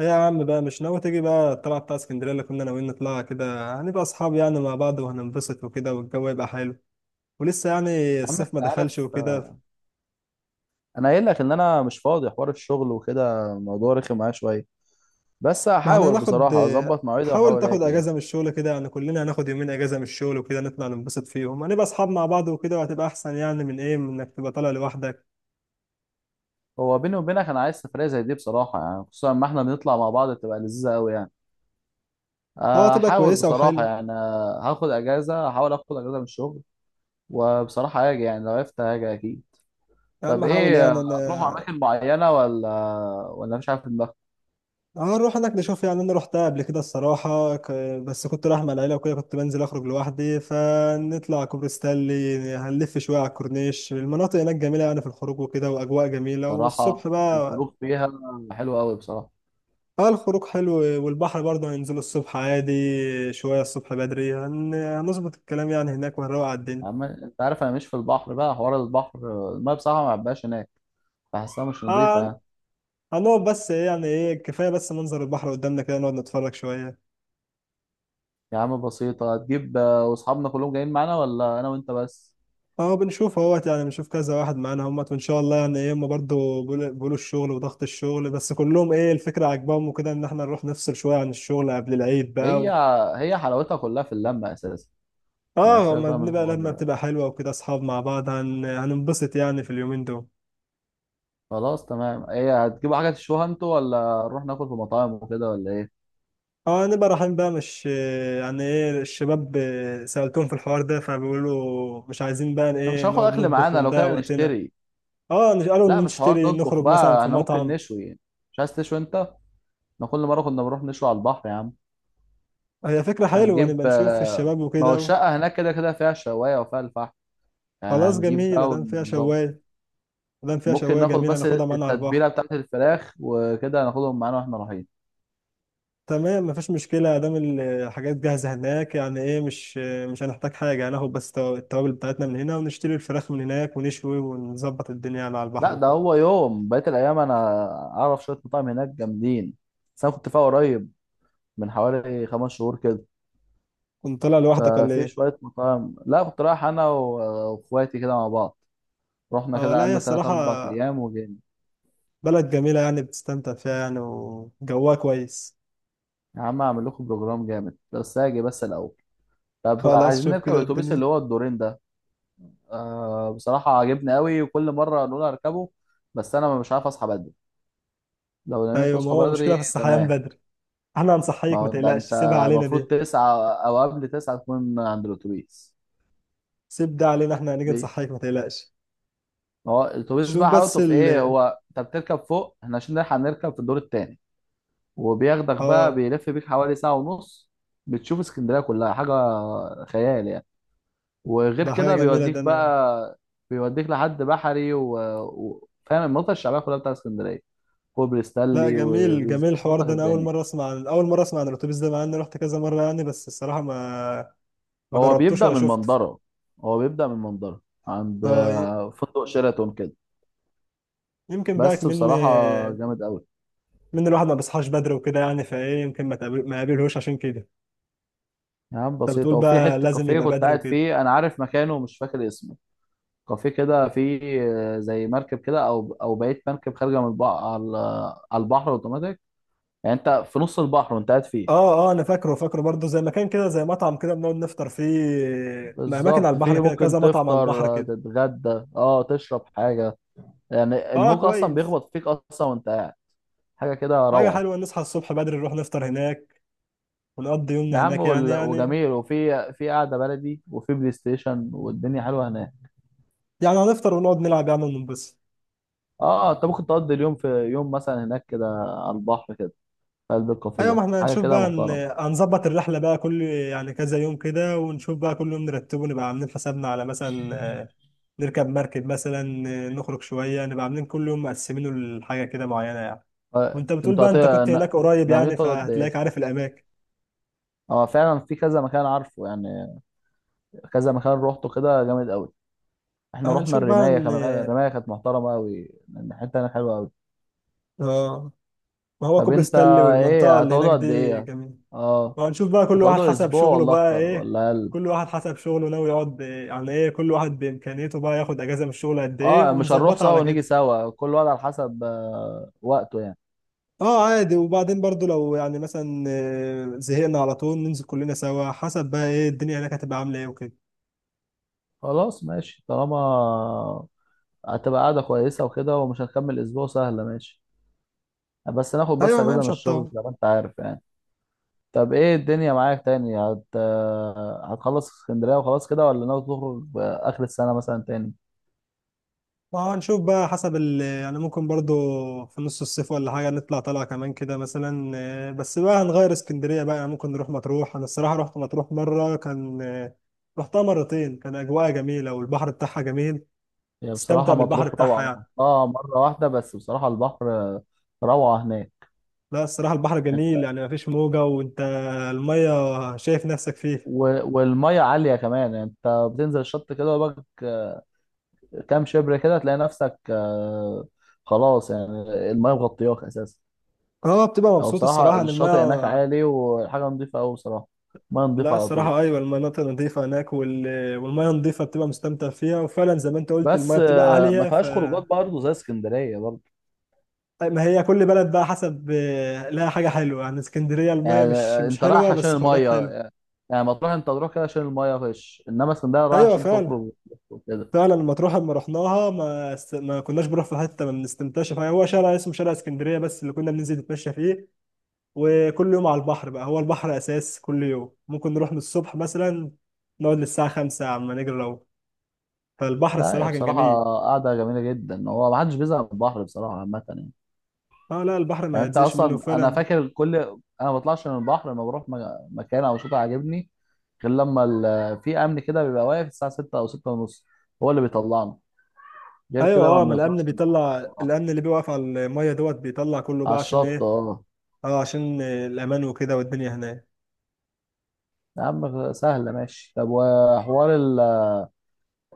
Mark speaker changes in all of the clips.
Speaker 1: إيه يا عم بقى مش ناوي تيجي بقى الطلعة بتاع اسكندرية اللي كنا ناويين نطلعها كده؟ هنبقى أصحاب يعني مع بعض وهننبسط وكده، والجو يبقى حلو، ولسه يعني
Speaker 2: يا عم
Speaker 1: الصيف ما
Speaker 2: انت
Speaker 1: دخلش
Speaker 2: عارف،
Speaker 1: وكده.
Speaker 2: انا قايل لك ان انا مش فاضي حوار الشغل وكده. الموضوع رخم معايا شويه. بس
Speaker 1: ما احنا
Speaker 2: هحاول
Speaker 1: هناخد.
Speaker 2: بصراحه اظبط مواعيدي
Speaker 1: حاول
Speaker 2: واحاول
Speaker 1: تاخد
Speaker 2: اجي يعني.
Speaker 1: أجازة من الشغل كده، يعني كلنا هناخد يومين أجازة من الشغل وكده نطلع ننبسط فيهم، هنبقى أصحاب مع بعض وكده، وهتبقى أحسن يعني من إيه، من إنك تبقى طالع لوحدك.
Speaker 2: هو بيني وبينك انا عايز سفريه زي دي بصراحه يعني، خصوصا ما احنا بنطلع مع بعض بتبقى لذيذه قوي يعني.
Speaker 1: أه هتبقى
Speaker 2: هحاول
Speaker 1: كويسة
Speaker 2: بصراحه
Speaker 1: وحلوة.
Speaker 2: يعني، هاخد اجازه، هحاول اخد اجازه من الشغل. وبصراحه هاجي يعني، لو عرفت هاجي اكيد.
Speaker 1: يا عم
Speaker 2: طب
Speaker 1: حاول
Speaker 2: ايه،
Speaker 1: يعني.
Speaker 2: هتروحوا اماكن معينه ولا مش عارف دماغك؟
Speaker 1: اه نروح هناك نشوف، يعني انا رحتها قبل كده الصراحه بس كنت رايح مع العيله وكده، كنت بنزل اخرج لوحدي، فنطلع كوبري ستانلي هنلف شويه على الكورنيش، المناطق هناك جميله يعني في الخروج وكده، واجواء جميله،
Speaker 2: بصراحه
Speaker 1: والصبح بقى.
Speaker 2: الخروج فيها حلو قوي بصراحه.
Speaker 1: اه الخروج حلو، والبحر برضه هننزل الصبح عادي. شويه الصبح بدري هنظبط الكلام يعني هناك وهنروق على الدنيا.
Speaker 2: انت عارف، انا مش في البحر بقى، حوار البحر الميه بصراحه ما بحبهاش هناك، بحسها مش نظيفه يعني.
Speaker 1: آه هنقعد بس إيه، يعني ايه، كفايه بس منظر البحر قدامنا كده نقعد نتفرج شويه.
Speaker 2: يا عم بسيطه. هتجيب واصحابنا كلهم جايين معانا ولا انا وانت بس؟
Speaker 1: اه بنشوف اهوت يعني، بنشوف كذا واحد معانا همت وان شاء الله يعني ايه، هم برضه بيقولوا الشغل وضغط الشغل، بس كلهم ايه الفكره عاجباهم وكده ان احنا نروح نفصل شويه عن الشغل قبل العيد بقى
Speaker 2: هي هي حلاوتها كلها في اللمه اساسا. يعني
Speaker 1: اه
Speaker 2: سيبك
Speaker 1: ما
Speaker 2: بقى من
Speaker 1: بنبقى، لما
Speaker 2: الحوار.
Speaker 1: بتبقى حلوه وكده اصحاب مع بعض هننبسط يعني في اليومين دول.
Speaker 2: خلاص تمام. هي هتجيبوا حاجه تشوها انتوا، ولا نروح ناكل في مطاعم وكده، ولا ايه؟
Speaker 1: اه نبقى رايحين بقى مش، يعني ايه الشباب سألتهم في الحوار ده، فبيقولوا مش عايزين بقى
Speaker 2: انا مش
Speaker 1: ايه،
Speaker 2: هاخد
Speaker 1: نقعد
Speaker 2: اكل
Speaker 1: نطبخ
Speaker 2: معانا، لو
Speaker 1: ونضيع
Speaker 2: كده
Speaker 1: وقتنا.
Speaker 2: نشتري.
Speaker 1: اه
Speaker 2: لا
Speaker 1: قالوا
Speaker 2: مش حوار
Speaker 1: نشتري
Speaker 2: نطبخ
Speaker 1: نخرج مثلا
Speaker 2: بقى،
Speaker 1: في
Speaker 2: احنا ممكن
Speaker 1: مطعم.
Speaker 2: نشوي يعني. مش عايز تشوي انت؟ احنا كل مره كنا بنروح نشوي على البحر يا عم.
Speaker 1: هي فكرة حلوة
Speaker 2: هنجيب
Speaker 1: نبقى نشوف الشباب
Speaker 2: ما هو
Speaker 1: وكده.
Speaker 2: الشقه هناك كده كده فيها شوايه وفيها الفحم. يعني
Speaker 1: خلاص
Speaker 2: هنجيب
Speaker 1: جميل
Speaker 2: بقى
Speaker 1: ادام فيها
Speaker 2: ونظبط.
Speaker 1: شوايه، ادام فيها
Speaker 2: ممكن
Speaker 1: شوايه
Speaker 2: ناخد
Speaker 1: جميله
Speaker 2: بس
Speaker 1: هناخدها معانا على البحر.
Speaker 2: التتبيله بتاعت الفراخ وكده، هناخدهم معانا واحنا رايحين.
Speaker 1: تمام، مفيش مشكله ادام الحاجات جاهزه هناك يعني ايه، مش هنحتاج حاجه، هناخد بس التوابل بتاعتنا من هنا، ونشتري الفراخ من هناك ونشوي ونظبط الدنيا يعني على البحر
Speaker 2: لا ده
Speaker 1: وكده.
Speaker 2: هو يوم بقيه الايام، انا اعرف شويه مطاعم هناك جامدين. بس انا كنت فيها قريب، من حوالي 5 شهور كده.
Speaker 1: كنت طالع لوحدك ولا
Speaker 2: ففي
Speaker 1: ايه؟
Speaker 2: شويه مطاعم. لا كنت رايح انا واخواتي كده مع بعض. رحنا
Speaker 1: اه
Speaker 2: كده،
Speaker 1: لا، هي
Speaker 2: قعدنا تلات
Speaker 1: الصراحه
Speaker 2: أربع أيام وجينا.
Speaker 1: بلد جميله يعني بتستمتع فيها يعني، وجوها كويس.
Speaker 2: يا عم أعمل لكم بروجرام جامد، بس هاجي بس الأول. طب
Speaker 1: خلاص
Speaker 2: عايزين
Speaker 1: شوف
Speaker 2: نركب
Speaker 1: كده
Speaker 2: الأتوبيس
Speaker 1: الدنيا.
Speaker 2: اللي هو الدورين ده؟ آه بصراحة عاجبني قوي، وكل مرة نقول هركبه بس أنا مش عارف أصحى بدري. لو نمت
Speaker 1: ايوه، ما
Speaker 2: تصحى
Speaker 1: هو مشكله
Speaker 2: بدري
Speaker 1: في الصحيان
Speaker 2: تمام.
Speaker 1: بدري، احنا
Speaker 2: ما
Speaker 1: هنصحيك ما
Speaker 2: هو ده
Speaker 1: تقلقش،
Speaker 2: انت
Speaker 1: سيبها علينا
Speaker 2: المفروض
Speaker 1: دي.
Speaker 2: 9 او قبل 9 تكون عند الاتوبيس.
Speaker 1: سيب ده علينا، احنا هنيجي
Speaker 2: ليه؟
Speaker 1: نصحيك ما تقلقش.
Speaker 2: ما هو الاتوبيس
Speaker 1: شوف
Speaker 2: بقى
Speaker 1: بس
Speaker 2: حلاوته في ايه؟ هو انت بتركب فوق، احنا عشان نلحق نركب في الدور التاني. وبياخدك بقى،
Speaker 1: اه
Speaker 2: بيلف بيك حوالي ساعة ونص. بتشوف اسكندرية كلها، حاجة خيال يعني. وغير
Speaker 1: ده حاجة
Speaker 2: كده
Speaker 1: جميلة
Speaker 2: بيوديك
Speaker 1: ده انا.
Speaker 2: بقى، بيوديك لحد بحري فاهم المنطقة الشعبية كلها بتاع اسكندرية. كوبري
Speaker 1: لا
Speaker 2: ستانلي،
Speaker 1: جميل جميل الحوار
Speaker 2: وبيظبط لك
Speaker 1: ده، انا اول
Speaker 2: الدنيا.
Speaker 1: مرة اسمع عن اول مرة اسمع عن الاتوبيس ده مع اني رحت كذا مرة يعني، بس الصراحة ما
Speaker 2: هو
Speaker 1: جربتوش
Speaker 2: بيبدأ
Speaker 1: ولا
Speaker 2: من
Speaker 1: شفته.
Speaker 2: منظرة هو بيبدأ من منظرة عند
Speaker 1: اه
Speaker 2: فندق شيراتون كده.
Speaker 1: يمكن بقى
Speaker 2: بس
Speaker 1: من
Speaker 2: بصراحة جامد قوي.
Speaker 1: من الواحد ما بيصحاش بدري وكده يعني، فايه يمكن ما يقابلهوش عشان كده.
Speaker 2: يا عم
Speaker 1: انت بتقول
Speaker 2: بسيطة. وفي
Speaker 1: بقى
Speaker 2: حتة
Speaker 1: لازم
Speaker 2: كافيه
Speaker 1: يبقى
Speaker 2: كنت
Speaker 1: بدري
Speaker 2: قاعد
Speaker 1: وكده.
Speaker 2: فيه، أنا عارف مكانه ومش فاكر اسمه. كافيه كده فيه زي مركب كده، أو بقية مركب خارجة من البحر على البحر أوتوماتيك. يعني أنت في نص البحر وأنت قاعد فيه.
Speaker 1: اه اه انا فاكره فاكره برضه زي مكان كده، زي مطعم كده بنقعد نفطر فيه. ما اماكن على
Speaker 2: بالظبط.
Speaker 1: البحر
Speaker 2: فيه
Speaker 1: كده كذا
Speaker 2: ممكن
Speaker 1: مطعم على
Speaker 2: تفطر،
Speaker 1: البحر كده.
Speaker 2: تتغدى، تشرب حاجة. يعني
Speaker 1: اه
Speaker 2: الموج أصلا
Speaker 1: كويس.
Speaker 2: بيخبط فيك أصلا وأنت قاعد، حاجة كده
Speaker 1: حاجة
Speaker 2: روعة.
Speaker 1: حلوة نصحى الصبح بدري نروح نفطر هناك، ونقضي
Speaker 2: يا
Speaker 1: يومنا
Speaker 2: عم
Speaker 1: هناك يعني يعني.
Speaker 2: وجميل. وفي قعده بلدي، وفي بلاي ستيشن، والدنيا حلوه هناك.
Speaker 1: يعني هنفطر ونقعد نلعب يا عم وننبسط.
Speaker 2: اه انت ممكن تقضي اليوم في يوم مثلا هناك كده، على البحر كده، في قلب الكافيه
Speaker 1: ايوه ما
Speaker 2: ده،
Speaker 1: احنا
Speaker 2: حاجه
Speaker 1: هنشوف
Speaker 2: كده
Speaker 1: بقى
Speaker 2: محترمه.
Speaker 1: هنظبط الرحله بقى كل يعني كذا يوم كده، ونشوف بقى كل يوم نرتبه، نبقى عاملين حسابنا على مثلا نركب مركب، مثلا نخرج شويه، نبقى عاملين كل يوم مقسمينه لحاجه كده معينه يعني.
Speaker 2: آه،
Speaker 1: وانت بتقول
Speaker 2: انتوا
Speaker 1: بقى
Speaker 2: هت...
Speaker 1: انت كنت هناك قريب
Speaker 2: ناويين
Speaker 1: يعني،
Speaker 2: تقعدوا قد ايه؟
Speaker 1: فهتلاقيك عارف الاماكن.
Speaker 2: اه فعلا في كذا مكان عارفه يعني. كذا مكان روحته كده جامد قوي. احنا رحنا
Speaker 1: هنشوف بقى
Speaker 2: الرمايه
Speaker 1: ان.
Speaker 2: كمان، الرمايه كانت محترمه قوي. الحته هناك حلوه قوي.
Speaker 1: اه ما هو
Speaker 2: طب
Speaker 1: كوبري
Speaker 2: انت
Speaker 1: ستانلي والمنطقه
Speaker 2: ايه،
Speaker 1: اللي هناك
Speaker 2: هتقعدوا قد
Speaker 1: دي
Speaker 2: ايه؟
Speaker 1: جميله.
Speaker 2: اه،
Speaker 1: وهنشوف بقى كل واحد
Speaker 2: هتقعدوا
Speaker 1: حسب
Speaker 2: اسبوع
Speaker 1: شغله
Speaker 2: ولا
Speaker 1: بقى
Speaker 2: اكتر
Speaker 1: ايه،
Speaker 2: ولا اقل؟
Speaker 1: كل واحد حسب شغله ناوي يقعد إيه على ايه، كل واحد بامكانيته بقى ياخد اجازه من الشغل قد ايه
Speaker 2: اه مش هنروح
Speaker 1: ونظبطها
Speaker 2: سوا
Speaker 1: على
Speaker 2: ونيجي
Speaker 1: كده.
Speaker 2: سوا، كل واحد على حسب وقته يعني.
Speaker 1: اه عادي، وبعدين برضو لو يعني مثلا زهقنا على طول ننزل كلنا سوا، حسب بقى ايه الدنيا هناك هتبقى عامله ايه وكده.
Speaker 2: خلاص ماشي، طالما هتبقى قاعدة كويسة وكده ومش هنكمل أسبوع سهلة ماشي. بس ناخد بس
Speaker 1: ايوه ما هي
Speaker 2: أجازة من
Speaker 1: مش
Speaker 2: الشغل
Speaker 1: هتطول.
Speaker 2: زي ما أنت عارف يعني. طب إيه الدنيا معاك تاني، هت... آه، هتخلص اسكندرية وخلاص كده، ولا ناوي تخرج آخر السنة مثلا تاني؟
Speaker 1: ما هو هنشوف بقى حسب ال يعني، ممكن برضو في نص الصيف ولا حاجة نطلع طلعة كمان كده مثلا. بس بقى هنغير اسكندرية بقى، يعني ممكن نروح مطروح. أنا الصراحة رحت مطروح مرة كان رحتها مرتين، كان أجواءها جميلة والبحر بتاعها جميل.
Speaker 2: هي
Speaker 1: تستمتع
Speaker 2: بصراحة
Speaker 1: بالبحر
Speaker 2: مطروح روعة.
Speaker 1: بتاعها
Speaker 2: أنا
Speaker 1: يعني.
Speaker 2: رحتها مرة واحدة بس، بصراحة البحر روعة هناك.
Speaker 1: لا الصراحة البحر
Speaker 2: انت
Speaker 1: جميل يعني مفيش موجة، وأنت. المية شايف نفسك فيه.
Speaker 2: و... والمية عالية كمان يعني. انت بتنزل الشط كده، وبك كام شبر كده تلاقي نفسك خلاص يعني، المايه مغطياك اساسا.
Speaker 1: اه بتبقى
Speaker 2: هو
Speaker 1: مبسوط
Speaker 2: بصراحه
Speaker 1: الصراحة إن
Speaker 2: الشاطئ هناك
Speaker 1: المية.
Speaker 2: عالي، وحاجه نظيفه قوي بصراحه، ميه
Speaker 1: لا
Speaker 2: نظيفه على طول.
Speaker 1: الصراحة أيوة المناطق نظيفة هناك والمية نظيفة بتبقى مستمتع فيها، وفعلا زي ما أنت قلت
Speaker 2: بس
Speaker 1: المية بتبقى
Speaker 2: ما
Speaker 1: عالية ف.
Speaker 2: فيهاش خروجات برضه زي اسكندريه برضه.
Speaker 1: طيب، ما هي كل بلد بقى حسب لها حاجة حلوة، يعني اسكندرية
Speaker 2: يعني
Speaker 1: المية مش مش
Speaker 2: انت رايح
Speaker 1: حلوة
Speaker 2: عشان
Speaker 1: بس خروجات
Speaker 2: المايه،
Speaker 1: حلوة.
Speaker 2: يعني ما تروح، انت تروح كده عشان المايه فيش، انما اسكندريه رايح
Speaker 1: أيوة
Speaker 2: عشان
Speaker 1: فعلا.
Speaker 2: تخرج وكده.
Speaker 1: فعلا مطروح لما رحناها ما كناش بنروح في حتة ما بنستمتعش فيها، هو شارع اسمه شارع اسكندرية بس اللي كنا بننزل نتمشى فيه، وكل يوم على البحر بقى، هو البحر أساس، كل يوم ممكن نروح من الصبح مثلا نقعد للساعة 5 عما نجري لو. فالبحر
Speaker 2: لا هي
Speaker 1: الصراحة كان
Speaker 2: بصراحه
Speaker 1: جميل.
Speaker 2: قاعده جميله جدا. هو ما حدش بيزهق من البحر بصراحه عامه يعني.
Speaker 1: اه لا البحر
Speaker 2: يعني
Speaker 1: ما
Speaker 2: انت
Speaker 1: تزهقش منه
Speaker 2: اصلا، انا
Speaker 1: فعلا.
Speaker 2: فاكر كل، انا ما بطلعش من البحر لما بروح مكان او شاطئ عاجبني، غير لما في امن كده بيبقى واقف الساعه 6 او 6 ونص، هو اللي بيطلعنا، غير
Speaker 1: ايوه.
Speaker 2: كده ما
Speaker 1: اه ما الامن
Speaker 2: بنطلعش من البحر
Speaker 1: بيطلع،
Speaker 2: بصراحة.
Speaker 1: الامن اللي بيوقف على الميه دوت بيطلع كله
Speaker 2: على
Speaker 1: بقى عشان
Speaker 2: الشط
Speaker 1: ايه.
Speaker 2: اه.
Speaker 1: اه عشان الامان وكده والدنيا هناك.
Speaker 2: يا عم سهله ماشي. طب وحوار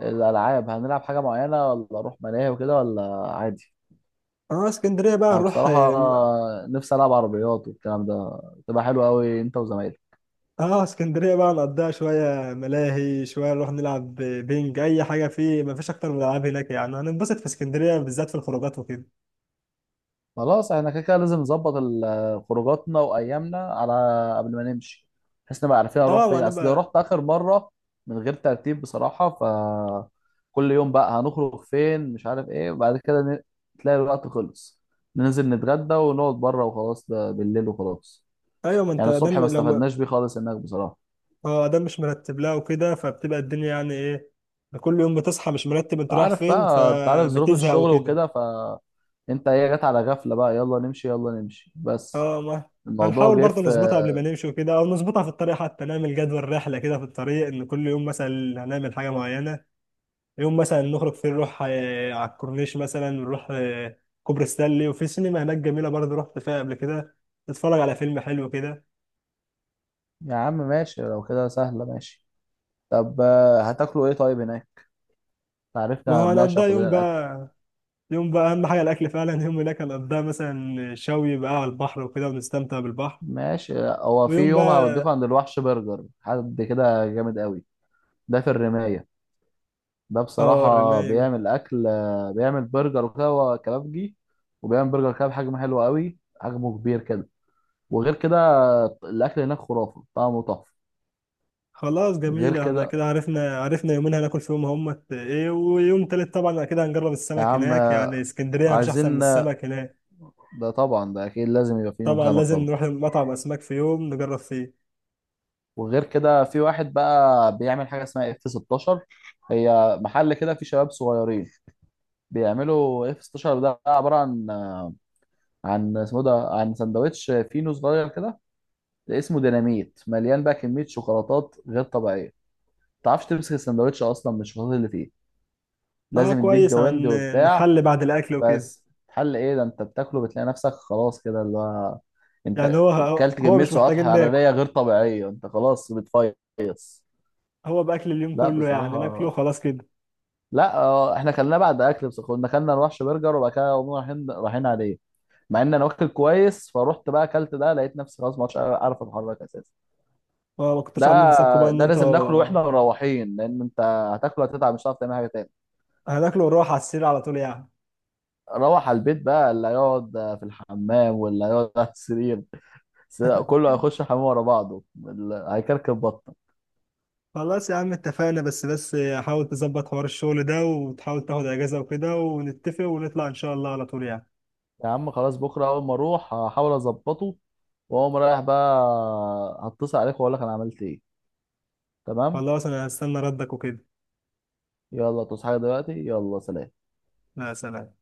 Speaker 2: الالعاب، هنلعب حاجه معينه، ولا اروح ملاهي وكده، ولا عادي؟
Speaker 1: اه اسكندريه بقى
Speaker 2: انا
Speaker 1: نروح. اه
Speaker 2: بصراحه نفسي العب عربيات والكلام ده، تبقى حلوه قوي انت وزمايلك.
Speaker 1: اسكندريه بقى نقضيها شويه ملاهي، شويه نروح نلعب بينج اي حاجه فيه، ما فيش اكتر من الالعاب هناك، يعني هننبسط في اسكندريه بالذات في الخروجات وكده.
Speaker 2: خلاص احنا كده كده لازم نظبط خروجاتنا وايامنا على، قبل ما نمشي، بحيث نبقى عارفين هنروح
Speaker 1: اه ما
Speaker 2: فين، اصل لو رحت
Speaker 1: هنبقى.
Speaker 2: اخر مره من غير ترتيب بصراحه، ف كل يوم بقى هنخرج فين مش عارف ايه، وبعد كده تلاقي الوقت خلص، ننزل نتغدى ونقعد بره وخلاص، ده بالليل وخلاص.
Speaker 1: ايوه ما انت
Speaker 2: يعني الصبح
Speaker 1: دم
Speaker 2: ما
Speaker 1: لو ما.
Speaker 2: استفدناش بيه خالص هناك بصراحه.
Speaker 1: اه دم مش مرتب لها وكده، فبتبقى الدنيا يعني ايه، كل يوم بتصحى مش مرتب انت رايح
Speaker 2: عارف
Speaker 1: فين
Speaker 2: بقى، انت عارف ظروف
Speaker 1: فبتزهق
Speaker 2: الشغل
Speaker 1: وكده.
Speaker 2: وكده، ف انت ايه، جت على غفله بقى، يلا نمشي يلا نمشي. بس
Speaker 1: اه ما
Speaker 2: الموضوع
Speaker 1: هنحاول
Speaker 2: جه
Speaker 1: برضه
Speaker 2: في،
Speaker 1: نظبطها قبل ما نمشي وكده، او نظبطها في الطريق حتى، نعمل جدول رحله كده في الطريق ان كل يوم مثلا هنعمل حاجه معينه، يوم مثلا نخرج فيه نروح على الكورنيش، مثلا نروح كوبري ستانلي، وفي سينما هناك جميلة برضه رحت فيها قبل كده، نتفرج على فيلم حلو كده.
Speaker 2: يا عم ماشي لو كده سهلة ماشي. طب هتاكلوا ايه طيب هناك؟
Speaker 1: ما
Speaker 2: عرفنا
Speaker 1: هو
Speaker 2: بنعشق
Speaker 1: هنقضيها
Speaker 2: كلنا
Speaker 1: يوم
Speaker 2: الاكل.
Speaker 1: بقى، يوم بقى أهم حاجة الأكل فعلا، يوم هناك هنقضيها مثلا شوي بقى على البحر وكده ونستمتع بالبحر،
Speaker 2: ماشي. لا، هو في
Speaker 1: ويوم
Speaker 2: يوم
Speaker 1: بقى.
Speaker 2: هوديكوا عند الوحش برجر، حد كده جامد قوي، ده في الرماية. ده
Speaker 1: اه
Speaker 2: بصراحة بيعمل اكل، بيعمل برجر وكده، هو كبابجي، وبيعمل برجر كده بحجم حلو قوي، حجمه كبير كده. وغير كده الاكل هناك خرافة، طعمه تحفة.
Speaker 1: خلاص
Speaker 2: غير
Speaker 1: جميلة، احنا كده
Speaker 2: كده
Speaker 1: عرفنا يومين هناكل فيهم هم ايه، ويوم تالت طبعا كده هنجرب
Speaker 2: يا
Speaker 1: السمك
Speaker 2: عم،
Speaker 1: هناك، يعني
Speaker 2: آه،
Speaker 1: اسكندرية مفيش أحسن من
Speaker 2: عايزين آه،
Speaker 1: السمك هناك.
Speaker 2: ده طبعا ده اكيد لازم يبقى في يوم
Speaker 1: طبعا
Speaker 2: سمك
Speaker 1: لازم
Speaker 2: طبعا.
Speaker 1: نروح مطعم أسماك في يوم نجرب فيه.
Speaker 2: وغير كده في واحد بقى بيعمل حاجه اسمها اف 16. هي محل كده فيه شباب صغيرين بيعملوا اف 16. ده عباره عن اسمه ده، عن سندوتش فينو صغير كده اسمه ديناميت، مليان بقى كميه شوكولاتات غير طبيعيه. ما تعرفش تمسك السندوتش اصلا من الشوكولاتات اللي فيه،
Speaker 1: اه
Speaker 2: لازم يديك
Speaker 1: كويس عن.
Speaker 2: جواندي وبتاع.
Speaker 1: نحل بعد الاكل وكده
Speaker 2: بس حل ايه؟ ده انت بتاكله بتلاقي نفسك خلاص كده، اللي هو
Speaker 1: يعني.
Speaker 2: انت
Speaker 1: هو
Speaker 2: كلت كميه
Speaker 1: مش
Speaker 2: سعرات
Speaker 1: محتاجين ناكل،
Speaker 2: حراريه غير طبيعيه، انت خلاص بتفيص.
Speaker 1: هو باكل اليوم
Speaker 2: لا
Speaker 1: كله يعني، ناكله
Speaker 2: بصراحه.
Speaker 1: خلاص كده.
Speaker 2: لا احنا كلنا بعد اكل، بس كنا كلنا نروحش برجر، وبعد كده قمنا رايحين رايحين عليه. مع ان انا واكل كويس، فروحت بقى اكلت ده لقيت نفسي خلاص ما عادش عارف اتحرك اساسا.
Speaker 1: ما كنتش
Speaker 2: ده
Speaker 1: عاملين حسابكم بقى ان
Speaker 2: ده لازم ناكله
Speaker 1: انتوا.
Speaker 2: واحنا مروحين، لان انت هتاكله هتتعب، مش هتعرف تعمل حاجه تاني.
Speaker 1: هناكله ونروح على السرير على طول يعني.
Speaker 2: روح على البيت بقى، اللي هيقعد في الحمام واللي هيقعد على السرير. كله هيخش الحمام ورا بعضه، هيكركب بطنه.
Speaker 1: خلاص يا عم اتفقنا، بس حاول تظبط حوار الشغل ده، وتحاول تاخد اجازة وكده، ونتفق ونطلع ان شاء الله على طول يعني.
Speaker 2: يا عم خلاص، بكره اول ما اروح هحاول اظبطه، واقوم رايح بقى، هتصل عليك واقول لك انا عملت ايه. تمام.
Speaker 1: خلاص انا هستنى ردك وكده.
Speaker 2: يلا تصحى دلوقتي، يلا سلام.
Speaker 1: لا، سلام.